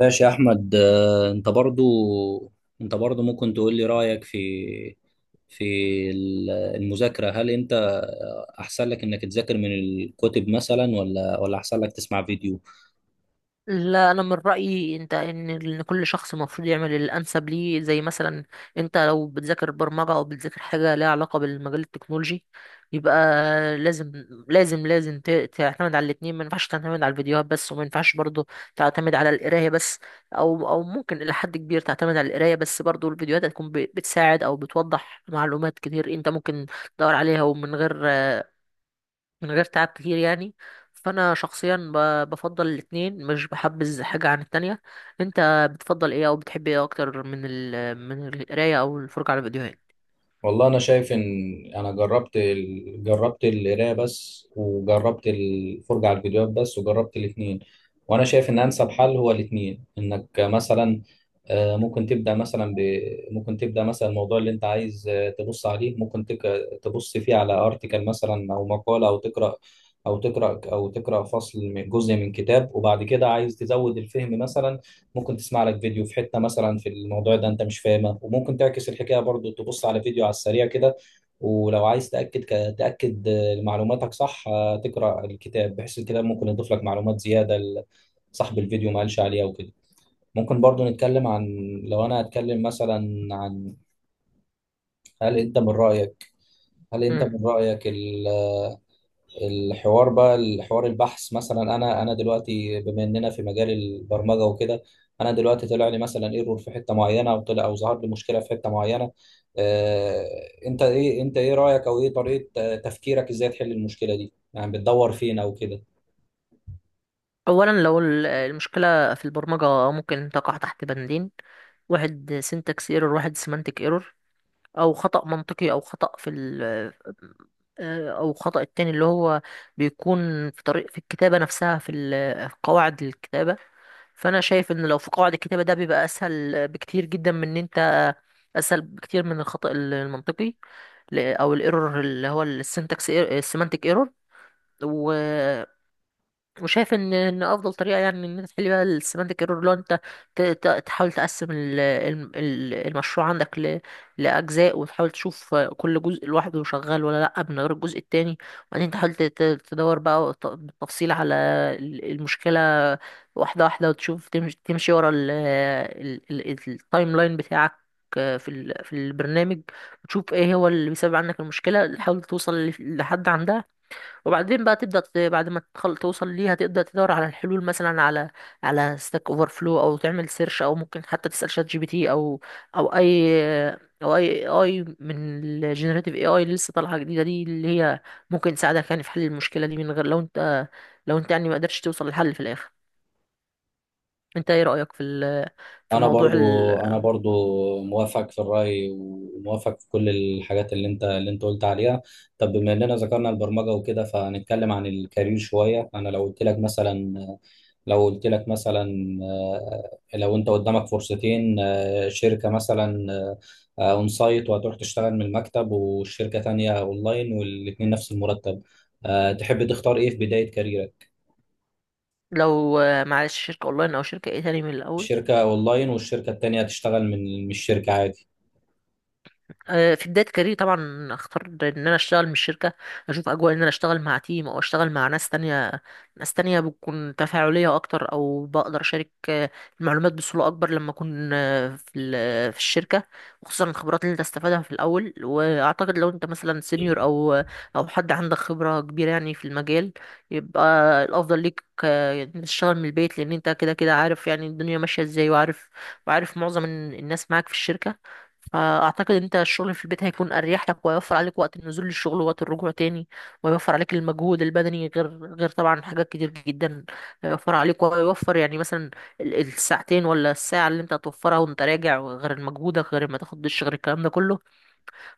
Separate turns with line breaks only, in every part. ماشي يا احمد انت برضو انت برضو ممكن تقول لي رايك في في المذاكره. هل انت احسن لك انك تذاكر من الكتب مثلا ولا احسن لك تسمع فيديو؟
لا، انا من رايي انت إن كل شخص المفروض يعمل الانسب ليه، زي مثلا انت لو بتذاكر برمجه او بتذاكر حاجه ليها علاقه بالمجال التكنولوجي، يبقى لازم لازم تعتمد على الاتنين، ما ينفعش تعتمد على الفيديوهات بس، وما ينفعش برضه تعتمد على القرايه بس. او ممكن الى حد كبير تعتمد على القرايه بس، برضه الفيديوهات هتكون بتساعد او بتوضح معلومات كتير انت ممكن تدور عليها، ومن غير من غير تعب كتير يعني. فانا شخصيا بفضل الاتنين، مش بحبذ حاجة عن التانية. انت بتفضل ايه، او بتحب ايه اكتر، من من القراية او الفرجة على فيديوهات؟
والله انا شايف ان جربت القرايه بس، وجربت الفرجه على الفيديوهات بس، وجربت الاثنين. وانا شايف ان انسب حل هو الاثنين. انك مثلا ممكن ممكن تبدا مثلا الموضوع اللي انت عايز تبص عليه، تبص فيه على ارتكل مثلا او مقاله، او تقرا او تقرا فصل من جزء من كتاب، وبعد كده عايز تزود الفهم مثلا ممكن تسمع لك فيديو في حتة مثلا في الموضوع ده انت مش فاهمه. وممكن تعكس الحكاية برضو، تبص على فيديو على السريع كده. ولو عايز تأكد معلوماتك صح، تقرأ الكتاب بحيث الكتاب ممكن يضيف لك معلومات زيادة صاحب الفيديو ما قالش عليها وكده. ممكن برضو نتكلم عن لو انا هتكلم مثلا عن هل انت من رأيك، هل انت
مم.
من رأيك ال الحوار بقى، الحوار البحث مثلا. انا دلوقتي بما اننا في مجال البرمجه وكده، انا دلوقتي طلع لي مثلا ايرور في حته معينه، او طلع او ظهر لي مشكله في حته معينه. آه انت ايه رايك او ايه طريقه تفكيرك، ازاي تحل المشكله دي؟ يعني بتدور فين او كده؟
اولا، لو المشكلة في البرمجة ممكن تقع تحت بندين، واحد سينتاكس ايرور، واحد سيمانتك ايرور، او خطأ منطقي، او خطأ في ال او خطأ التاني اللي هو بيكون في طريق، في الكتابة نفسها، في قواعد الكتابة. فانا شايف ان لو في قواعد الكتابه، ده بيبقى اسهل بكتير جدا من ان انت اسهل بكتير من الخطا المنطقي، او الايرور اللي هو السنتكس، السيمانتك ايرور. وشايف ان افضل طريقه يعني ان انت تحل بيها السيمانتك ايرور، لو انت تحاول تقسم المشروع عندك لاجزاء، وتحاول تشوف كل جزء لوحده شغال ولا لا، من غير الجزء التاني. وبعدين تحاول تدور بقى بالتفصيل على المشكله، واحده واحده، وتشوف تمشي تمشي ورا التايم لاين بتاعك في البرنامج، وتشوف ايه هو اللي بيسبب عندك المشكله، تحاول توصل لحد عندها. وبعدين بقى تبدأ بعد ما توصل ليها، تبدأ تدور على الحلول مثلا، على ستاك اوفر فلو، او تعمل سيرش، او ممكن حتى تسأل شات GPT، او اي، او اي اي من الجينيريتيف AI اللي لسه طالعة جديدة دي، اللي هي ممكن تساعدك يعني في حل المشكلة دي، من غير لو انت يعني ما قدرتش توصل للحل في الاخر. انت ايه رأيك في
انا
موضوع
برضو
ال...
انا برضو موافق في الرأي، وموافق في كل الحاجات اللي انت قلت عليها. طب بما اننا ذكرنا البرمجة وكده، فنتكلم عن الكارير شوية. انا لو قلت لك مثلا لو انت قدامك فرصتين، شركة مثلا اون سايت وهتروح تشتغل من المكتب، والشركة تانية اونلاين، والاتنين نفس المرتب، تحب تختار ايه في بداية كاريرك؟
لو معلش، شركة اونلاين او شركة ايه تاني من الاول؟
الشركة اونلاين، والشركة التانية هتشتغل من الشركة عادي.
في بداية كاريري طبعا اختار ان انا اشتغل من شركة، اشوف اجواء ان انا اشتغل مع تيم، او اشتغل مع ناس تانية، ناس تانية بتكون تفاعلية اكتر، او بقدر اشارك المعلومات بسهولة اكبر لما اكون في الشركة، وخصوصا الخبرات اللي انت تستفادها في الاول. واعتقد لو انت مثلا سينيور او حد عندك خبرة كبيرة يعني في المجال، يبقى الافضل ليك إن تشتغل من البيت، لان انت كده كده عارف يعني الدنيا ماشية ازاي، وعارف معظم الناس معاك في الشركة. فأعتقد ان أنت الشغل في البيت هيكون أريح لك، ويوفر عليك وقت النزول للشغل ووقت الرجوع تاني، ويوفر عليك المجهود البدني، غير طبعا حاجات كتير جدا. هيوفر عليك ويوفر يعني مثلا الساعتين ولا الساعة اللي أنت هتوفرها وأنت راجع، غير مجهودك، غير ما تاخد دش، غير الكلام ده كله،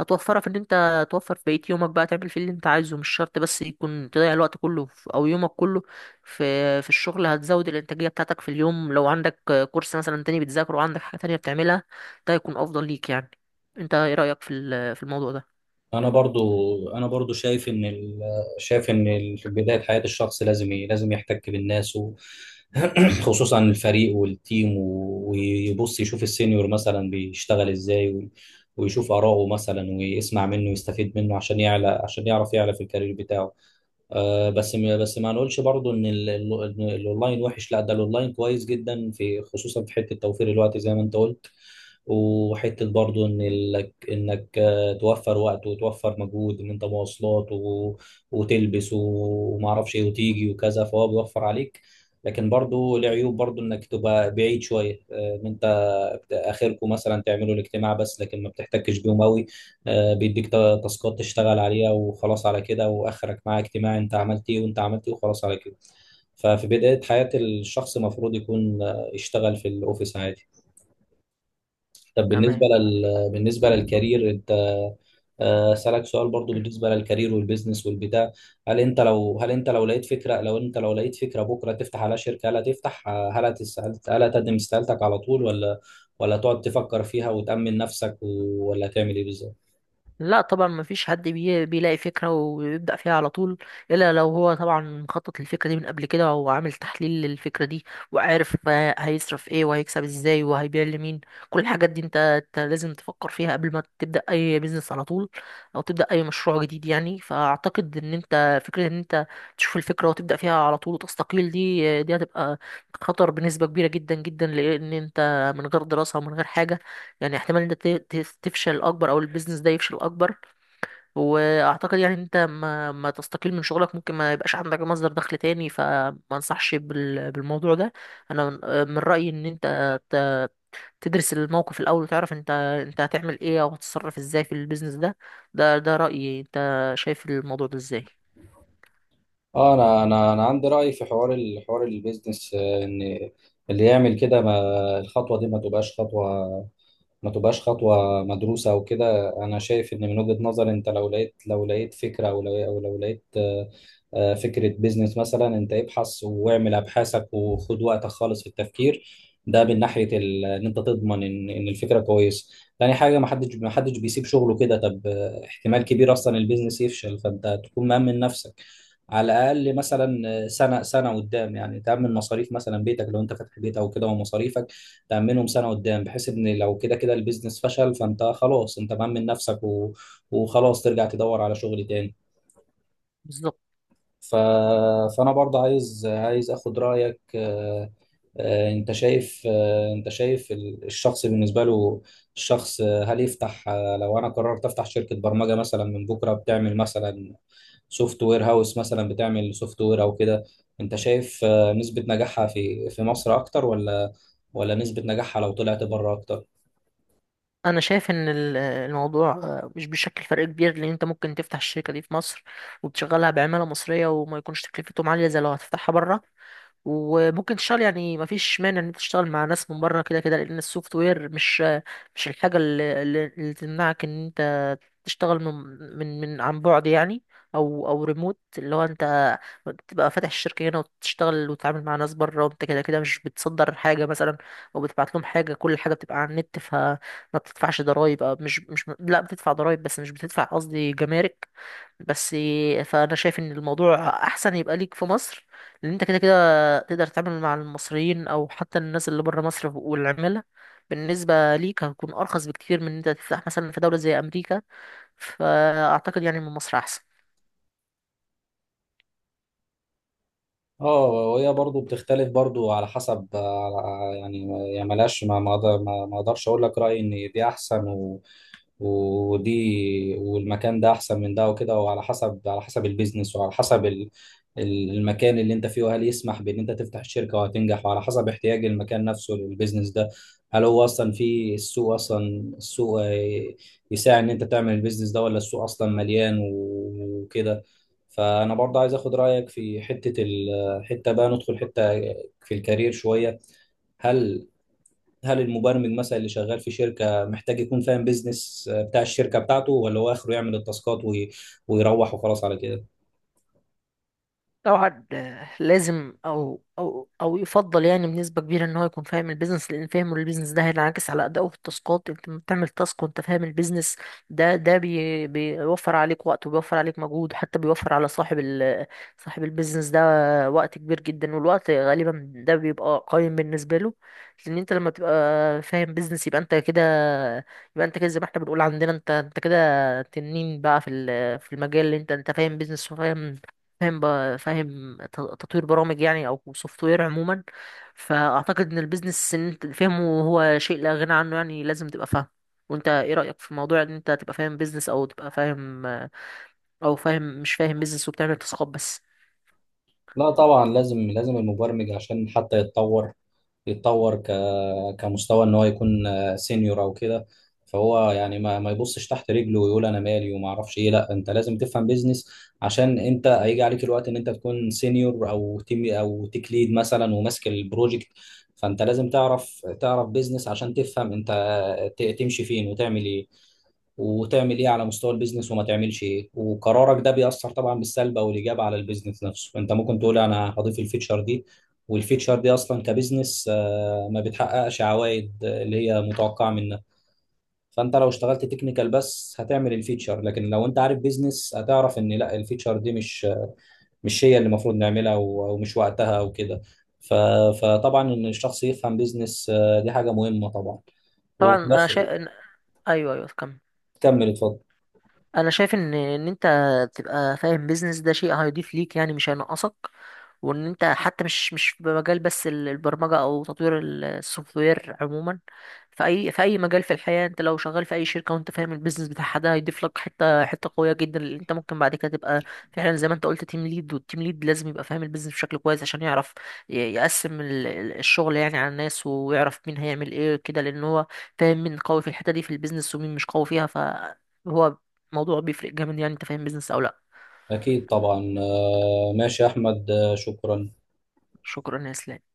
هتوفرها في ان انت توفر في بقية يومك بقى، تعمل فيه اللي انت عايزه، مش شرط بس يكون تضيع الوقت كله، في او يومك كله في الشغل. هتزود الانتاجية بتاعتك في اليوم، لو عندك كورس مثلا تاني بتذاكره، وعندك حاجة تانية بتعملها، ده هيكون افضل ليك يعني. انت ايه رأيك في الموضوع ده؟
انا برضو شايف ان في بدايه حياه الشخص لازم لازم يحتك بالناس و... خصوصا الفريق والتيم، و... ويبص يشوف السينيور مثلا بيشتغل ازاي و... ويشوف اراءه مثلا، ويسمع منه ويستفيد منه عشان يعلى، عشان يعرف يعلى في الكارير بتاعه. بس ما نقولش برضو ان إن الاونلاين وحش، لا ده الاونلاين كويس جدا، في خصوصا في حته توفير الوقت زي ما انت قلت. وحته برضو ان لك انك توفر وقت وتوفر مجهود ان انت مواصلات و... وتلبس وما اعرفش ايه وتيجي وكذا، فهو بيوفر عليك. لكن برضو له عيوب، برضو انك تبقى بعيد شويه، ان انت اخركم مثلا تعملوا الاجتماع بس، لكن ما بتحتكش بيهم قوي. بيديك تاسكات تشتغل عليها وخلاص على كده، واخرك معاه اجتماع انت عملت ايه وانت عملت ايه وخلاص على كده. ففي بداية حياة الشخص المفروض يكون يشتغل في الاوفيس عادي. طب بالنسبة
تمام.
بالنسبة للكارير، انت أسألك سؤال برضو بالنسبة للكارير والبيزنس والبتاع. هل انت لو لقيت فكرة، لو انت لو لقيت فكرة بكرة تفتح على شركة، هل هتفتح هل هتقدم استقالتك على طول، ولا تقعد تفكر فيها وتأمن نفسك ولا تعمل ايه بالظبط؟
لا طبعا، مفيش حد بيلاقي فكرة ويبدأ فيها على طول، إلا لو هو طبعا مخطط للفكرة دي من قبل كده، وعامل تحليل للفكرة دي، وعارف هيصرف ايه وهيكسب ازاي وهيبيع لمين. كل الحاجات دي انت لازم تفكر فيها قبل ما تبدأ أي بيزنس على طول، أو تبدأ أي مشروع جديد يعني. فأعتقد إن انت، فكرة إن انت تشوف الفكرة وتبدأ فيها على طول وتستقيل، دي هتبقى خطر بنسبة كبيرة جدا جدا، لأن انت من غير دراسة ومن غير حاجة، يعني احتمال انت تفشل اكبر، او البيزنس ده يفشل اكبر. واعتقد يعني انت ما تستقيل من شغلك، ممكن ما يبقاش عندك مصدر دخل تاني، فما انصحش بالموضوع ده. انا من رأيي ان انت تدرس الموقف الاول، وتعرف انت هتعمل ايه، او هتتصرف ازاي في البيزنس ده. ده رأيي، انت شايف الموضوع ده ازاي؟
اه انا عندي راي في حوار الحوار البيزنس، ان اللي يعمل كده ما الخطوه دي ما تبقاش خطوه، ما تبقاش خطوة مدروسة أو كده. أنا شايف إن من وجهة نظري أنت لو لقيت فكرة، أو لو لقيت فكرة بيزنس مثلا، أنت ابحث واعمل أبحاثك وخد وقتك خالص في التفكير. ده من ناحية إن أنت تضمن إن الفكرة كويسة. تاني حاجة، ما حدش بيسيب شغله كده. طب احتمال كبير أصلا البيزنس يفشل، فأنت تكون مأمن نفسك. على الأقل مثلا سنة قدام يعني، تأمن مصاريف مثلا بيتك لو أنت فاتح بيت أو كده، ومصاريفك تأمنهم سنة قدام، بحيث إن لو كده كده البيزنس فشل فأنت خلاص أنت مأمن نفسك و... وخلاص ترجع تدور على شغل تاني.
بالظبط.
ف... فأنا برضه عايز أخد رأيك. أنت شايف الشخص بالنسبة له، الشخص هل يفتح، لو أنا قررت أفتح شركة برمجة مثلا من بكرة، بتعمل مثلا سوفت وير هاوس مثلا، بتعمل سوفت وير أو كده، أنت شايف نسبة نجاحها في مصر أكتر، ولا نسبة نجاحها لو طلعت بره أكتر؟
انا شايف ان الموضوع مش بيشكل فرق كبير، لان انت ممكن تفتح الشركة دي في مصر وتشغلها بعمالة مصرية، وما يكونش تكلفتهم عالية زي لو هتفتحها بره. وممكن تشتغل، يعني مفيش مانع ان انت تشتغل مع ناس من بره كده كده، لان السوفت وير مش الحاجه اللي تمنعك ان انت تشتغل من عن بعد يعني، او ريموت، اللي هو انت تبقى فاتح الشركه هنا، وتشتغل وتتعامل مع ناس بره، وانت كده كده مش بتصدر حاجه مثلا، او بتبعت لهم حاجه، كل حاجه بتبقى على النت. فما بتدفعش ضرائب، أو مش لا، بتدفع ضرائب بس مش بتدفع، قصدي، جمارك بس. فانا شايف ان الموضوع احسن يبقى ليك في مصر، لان انت كده كده تقدر تعمل مع المصريين، او حتى الناس اللي بره مصر. والعمالة بالنسبة ليك هتكون ارخص بكتير من ان انت تفتح مثلا في دولة زي امريكا. فاعتقد يعني من مصر احسن.
اه، وهي برضو بتختلف برضو على حسب يعني، يعني ملهاش ما ما أقدر- ما ما اقدرش اقول لك رايي ان دي احسن، ودي والمكان ده احسن من ده وكده. وعلى حسب على حسب البيزنس، وعلى حسب المكان اللي انت فيه، وهل يسمح بان انت تفتح الشركه وهتنجح، وعلى حسب احتياج المكان نفسه للبيزنس ده. هل هو اصلا في السوق، اصلا السوق يساعد ان انت تعمل البيزنس ده، ولا السوق اصلا مليان وكده؟ فانا برضه عايز اخد رايك في حته، حته بقى ندخل حته في الكارير شويه. هل هل المبرمج مثلا اللي شغال في شركه محتاج يكون فاهم بيزنس بتاع الشركه بتاعته، ولا هو اخره يعمل التاسكات ويروح وخلاص على كده؟
طبعا لازم، او يفضل يعني بنسبه كبيره ان هو يكون فاهم البيزنس، لان فهمه للبيزنس ده هينعكس على ادائه في التاسكات. انت لما بتعمل تاسك وانت فاهم البيزنس ده، ده بي بيوفر عليك وقت، وبيوفر عليك مجهود، وحتى بيوفر على صاحب البيزنس ده وقت كبير جدا، والوقت غالبا ده بيبقى قيم بالنسبه له. لان انت لما تبقى فاهم بيزنس، يبقى انت كده، يبقى انت كده زي ما احنا بنقول عندنا، انت كده تنين بقى في المجال، اللي انت فاهم بيزنس، وفاهم بقى، فاهم تطوير برامج يعني، او سوفت وير عموما. فاعتقد ان البيزنس ان انت فهمه هو شيء لا غنى عنه يعني، لازم تبقى فاهم. وانت ايه رأيك في موضوع ان انت تبقى فاهم بيزنس، او تبقى فاهم، او فاهم مش فاهم بيزنس وبتعمل تسويقات بس؟
لا طبعا لازم، لازم المبرمج عشان حتى يتطور، يتطور كمستوى ان هو يكون سينيور او كده. فهو يعني ما يبصش تحت رجله ويقول انا مالي وما اعرفش ايه. لا انت لازم تفهم بيزنس، عشان انت هيجي عليك الوقت ان انت تكون سينيور او تيم او تيك ليد مثلا وماسك البروجكت. فانت لازم تعرف بيزنس، عشان تفهم انت تمشي فين وتعمل ايه، وتعمل ايه على مستوى البيزنس، وما تعملش ايه. وقرارك ده بيأثر طبعا بالسلب او الايجاب على البيزنس نفسه. انت ممكن تقول انا هضيف الفيتشر دي، والفيتشر دي اصلا كبيزنس ما بتحققش عوائد اللي هي متوقعه منها. فانت لو اشتغلت تكنيكال بس هتعمل الفيتشر، لكن لو انت عارف بيزنس هتعرف ان لا، الفيتشر دي مش هي اللي المفروض نعملها، ومش وقتها او كده. ف- فطبعا ان الشخص يفهم بيزنس، دي حاجه مهمه طبعا.
طبعا،
وفي
انا شايف
الاخر
إن... ايوه، ايوه، كمل.
كمل اتفضل.
انا شايف ان انت تبقى فاهم بيزنس، ده شيء هيضيف ليك يعني، مش هينقصك. وان انت حتى مش في مجال بس البرمجه، او تطوير السوفت وير عموما، في اي مجال في الحياه، انت لو شغال في اي شركه وانت فاهم البيزنس بتاعها، ده هيضيف لك حته قويه جدا، اللي انت ممكن بعد كده تبقى فعلا زي ما انت قلت تيم ليد. والتيم ليد لازم يبقى فاهم البيزنس بشكل كويس، عشان يعرف يقسم الشغل، يعني على الناس، ويعرف مين هيعمل ايه كده، لان هو فاهم مين قوي في الحته دي في البيزنس، ومين مش قوي فيها، فهو موضوع بيفرق جامد يعني، انت فاهم بيزنس او لا.
أكيد طبعا ماشي يا أحمد، شكرا.
شكرا يا اسلام.